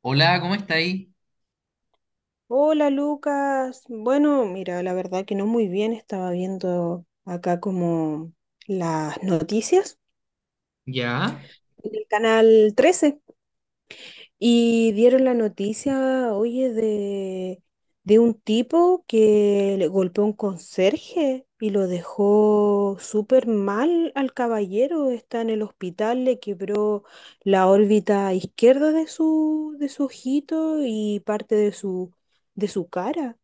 Hola, ¿cómo está ahí? Hola Lucas, bueno, mira, la verdad que no muy bien, estaba viendo acá como las noticias Ya. en el canal 13 y dieron la noticia, oye, de un tipo que le golpeó a un conserje y lo dejó súper mal al caballero, está en el hospital, le quebró la órbita izquierda de su ojito y parte de su cara.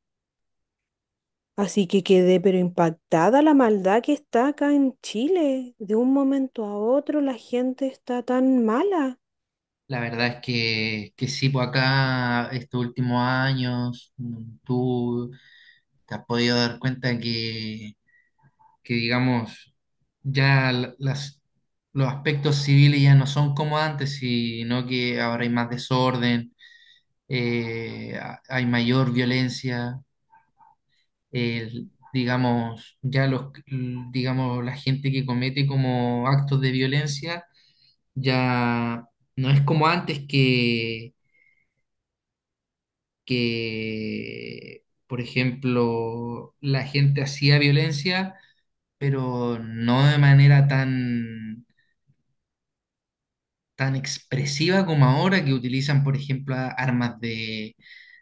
Así que quedé pero impactada la maldad que está acá en Chile. De un momento a otro la gente está tan mala. La verdad es que sí, por acá estos últimos años, tú te has podido dar cuenta que digamos, ya las, los aspectos civiles ya no son como antes, sino que ahora hay más desorden, hay mayor violencia, digamos, ya los, digamos, la gente que comete como actos de violencia. Ya no es como antes que, por ejemplo, la gente hacía violencia, pero no de manera tan expresiva como ahora, que utilizan, por ejemplo,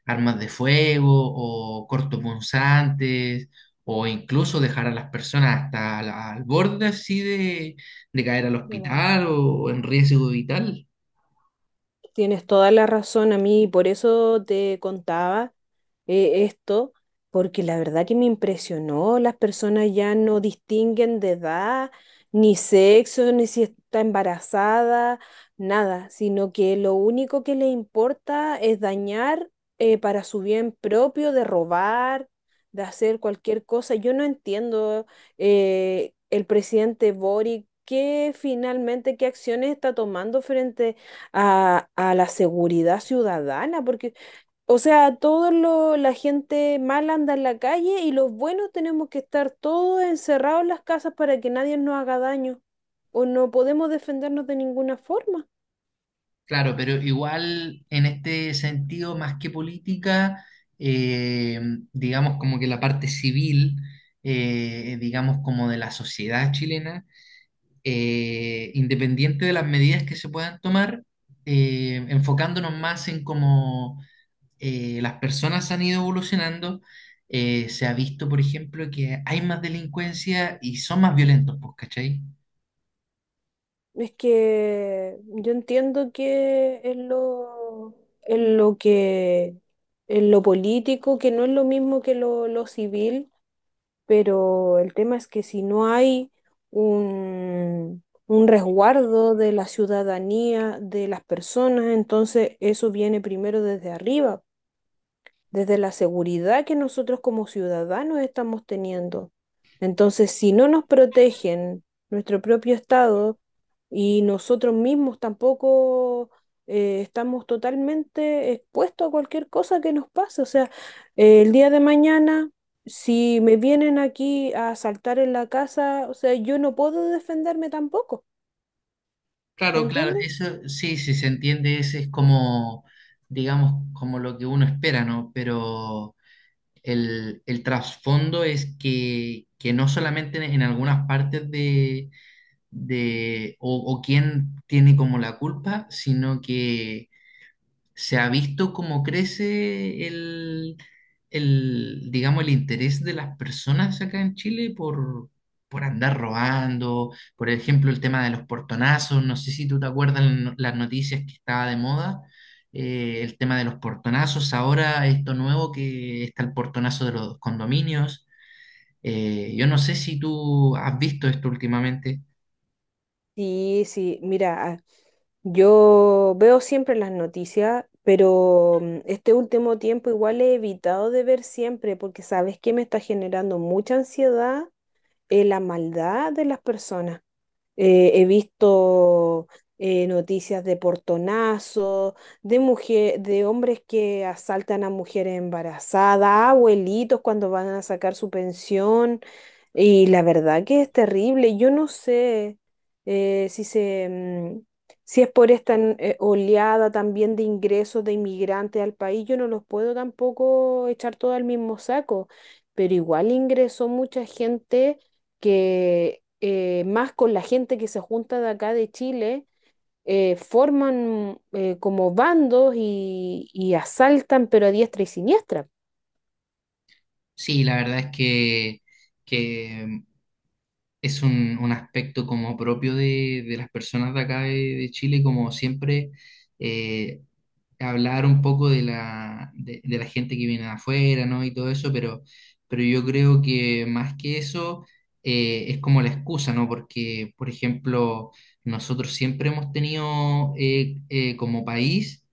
armas de fuego o cortopunzantes, o incluso dejar a las personas hasta al borde así de caer al hospital o en riesgo vital. Tienes toda la razón a mí, por eso te contaba esto, porque la verdad que me impresionó, las personas ya no distinguen de edad, ni sexo, ni si está embarazada, nada, sino que lo único que le importa es dañar para su bien propio, de robar, de hacer cualquier cosa. Yo no entiendo, el presidente Boric, qué finalmente, qué acciones está tomando frente a la seguridad ciudadana, porque, o sea, todos los- la gente mala anda en la calle y los buenos tenemos que estar todos encerrados en las casas para que nadie nos haga daño o no podemos defendernos de ninguna forma. Claro, pero igual en este sentido, más que política, eh, digamos como que la parte civil, digamos como de la sociedad chilena, independiente de las medidas que se puedan tomar, enfocándonos más en cómo las personas han ido evolucionando, se ha visto, por ejemplo, que hay más delincuencia y son más violentos, pues, ¿cachai? Es que yo entiendo que es lo que, es lo político, que no es lo mismo que lo civil, pero el tema es que si no hay un resguardo de la ciudadanía, de las personas, entonces eso viene primero desde arriba, desde la seguridad que nosotros como ciudadanos estamos teniendo. Entonces, si no nos protegen nuestro propio Estado y nosotros mismos tampoco, estamos totalmente expuestos a cualquier cosa que nos pase, o sea, el día de mañana, si me vienen aquí a asaltar en la casa, o sea, yo no puedo defenderme tampoco, ¿me Claro, claro, entiendes? eso sí, sí se entiende, ese es como, digamos, como lo que uno espera, ¿no? Pero el trasfondo es que no solamente en, algunas partes de, o quién tiene como la culpa, sino que se ha visto cómo crece el, digamos, el interés de las personas acá en Chile por andar robando, por ejemplo, el tema de los portonazos, no sé si tú te acuerdas las noticias que estaba de moda, el tema de los portonazos, ahora esto nuevo que está el portonazo de los condominios, yo no sé si tú has visto esto últimamente. Sí, sí, mira. Yo veo siempre las noticias, pero mm, este último tiempo igual he evitado de ver siempre porque sabes que me está generando mucha ansiedad, la maldad de las personas. He visto noticias de portonazos, de mujer, de hombres que asaltan a mujeres embarazadas, abuelitos cuando van a sacar su pensión. Y la verdad que es terrible. Yo no sé, eh, si se, mm, si es por esta oleada también de ingresos de inmigrantes al país. Yo no los puedo tampoco echar todo al mismo saco. Pero igual ingresó mucha gente que más con la gente que se junta de acá de Chile, forman como bandos y asaltan, pero a diestra y siniestra. Sí, la verdad es que es un aspecto como propio de las personas de acá de Chile, como siempre eh, hablar un poco de la gente que viene de afuera, ¿no? Y todo eso, pero yo creo que más que eso es como la excusa, ¿no? Porque, por ejemplo, nosotros siempre hemos tenido como país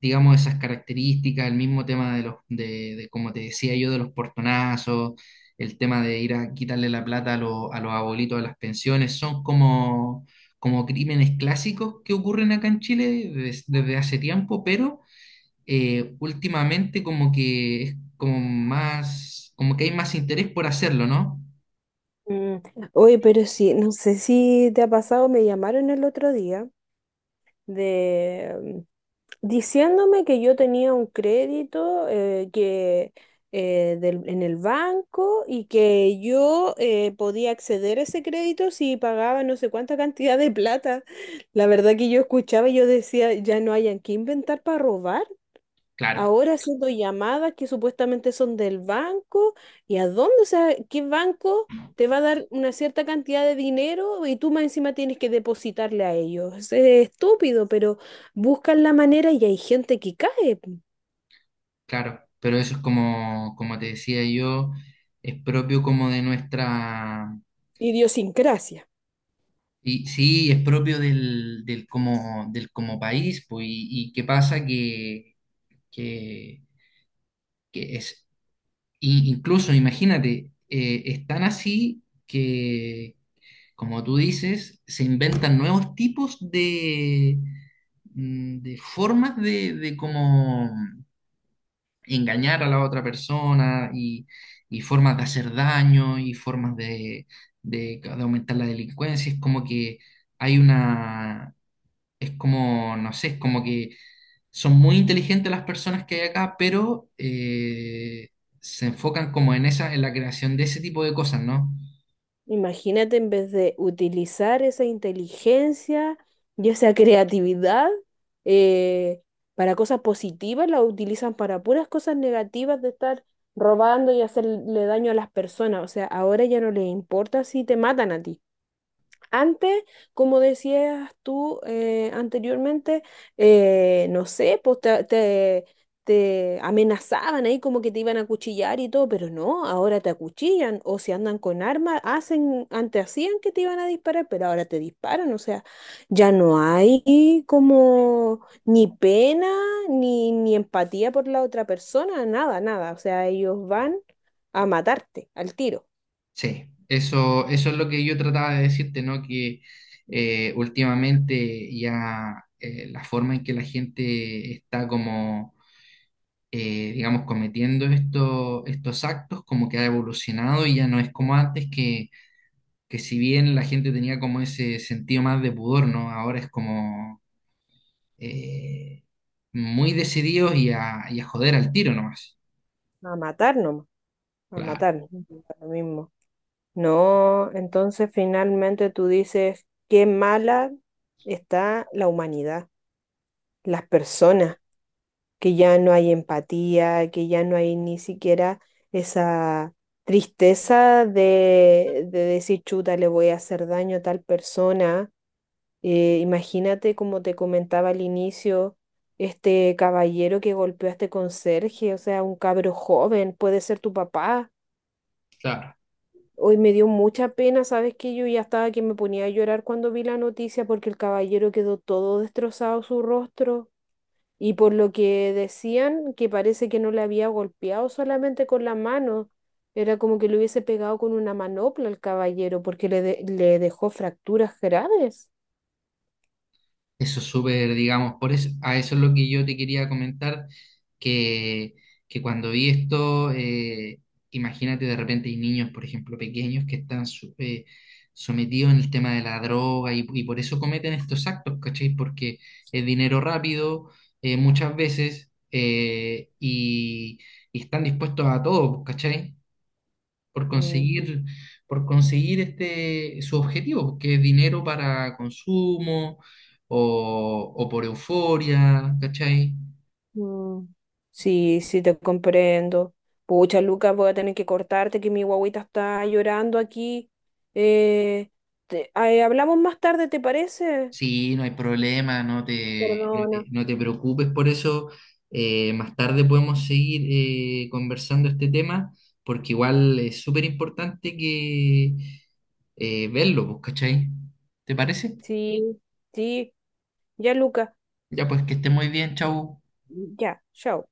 digamos, esas características, el mismo tema de los, de, como te decía yo, de los portonazos, el tema de ir a quitarle la plata a los abuelitos de las pensiones, son como, como crímenes clásicos que ocurren acá en Chile desde hace tiempo, pero últimamente como que es como más, como que hay más interés por hacerlo, ¿no? Mm. Oye, pero sí, no sé si te ha pasado, me llamaron el otro día de, diciéndome que yo tenía un crédito, del- en el banco y que yo podía acceder a ese crédito si pagaba no sé cuánta cantidad de plata. La verdad que yo escuchaba y yo decía, ya no hayan que inventar para robar. Claro, Ahora haciendo llamadas que supuestamente son del banco, ¿y a dónde? O sea, ¿qué banco te va a dar una cierta cantidad de dinero y tú más encima tienes que depositarle a ellos? Es estúpido, pero buscan la manera y hay gente que cae. claro, pero eso es como, como te decía yo, es propio como de nuestra. Idiosincrasia. Y sí, es propio del, del como país, pues, y qué pasa que, que es, incluso imagínate, es tan así que, como tú dices, se inventan nuevos tipos de, de formas de cómo engañar a la otra persona y formas de hacer daño y formas de aumentar la delincuencia. Es como que hay una, es como, no sé, es como que son muy inteligentes las personas que hay acá, pero se enfocan como en esa, en la creación de ese tipo de cosas, ¿no? Imagínate en vez de utilizar esa inteligencia y esa creatividad, eh, para cosas positivas, la utilizan para puras cosas negativas de estar robando y hacerle daño a las personas. O sea, ahora ya no les importa si te matan a ti. Antes, como decías tú, anteriormente, no sé, pues te amenazaban ahí como que te iban a acuchillar y todo, pero no, ahora te acuchillan o si andan con armas, hacen, antes hacían que te iban a disparar, pero ahora te disparan, o sea, ya no hay como ni pena ni empatía por la otra persona, nada, nada, o sea, ellos van a matarte al tiro, Sí, eso es lo que yo trataba de decirte, ¿no? Que últimamente ya la forma en que la gente está como, digamos, cometiendo estos actos, como que ha evolucionado y ya no es como antes que si bien la gente tenía como ese sentido más de pudor, ¿no? Ahora es como eh, muy decididos y a joder al tiro nomás. a matar nomás, a Claro, matar, da lo mismo. No, entonces finalmente tú dices, qué mala está la humanidad, las personas, que ya no hay empatía, que ya no hay ni siquiera esa tristeza de decir, chuta, le voy a hacer daño a tal persona. Imagínate, como te comentaba al inicio, este caballero que golpeó a este conserje, o sea, un cabro joven, puede ser tu papá. claro. Hoy me dio mucha pena, ¿sabes? Que yo ya estaba que me ponía a llorar cuando vi la noticia porque el caballero quedó todo destrozado su rostro y por lo que decían que parece que no le había golpeado solamente con la mano, era como que le hubiese pegado con una manopla al caballero porque le dejó fracturas graves. Eso es súper, digamos, por eso, a eso es lo que yo te quería comentar, que, que cuando vi esto, imagínate de repente hay niños, por ejemplo, pequeños que están sometidos en el tema de la droga y por eso cometen estos actos, ¿cachai? Porque es dinero rápido, muchas veces, y están dispuestos a todo, ¿cachai? por Mm. conseguir, por conseguir este, su objetivo, que es dinero para consumo o por euforia, ¿cachai? Mm. Sí, sí, te comprendo. Pucha, Lucas, voy a tener que cortarte, que mi guagüita está llorando aquí. Eh, ay, hablamos más tarde, ¿te parece? Sí, no hay problema, no te, no Perdona. te, no te preocupes por eso. Más tarde podemos seguir conversando este tema, porque igual es súper importante que verlo, pues, ¿cachai? ¿Te parece? Sí, sí, ya, Lucas, Ya pues que esté muy bien, chau. ya, chao.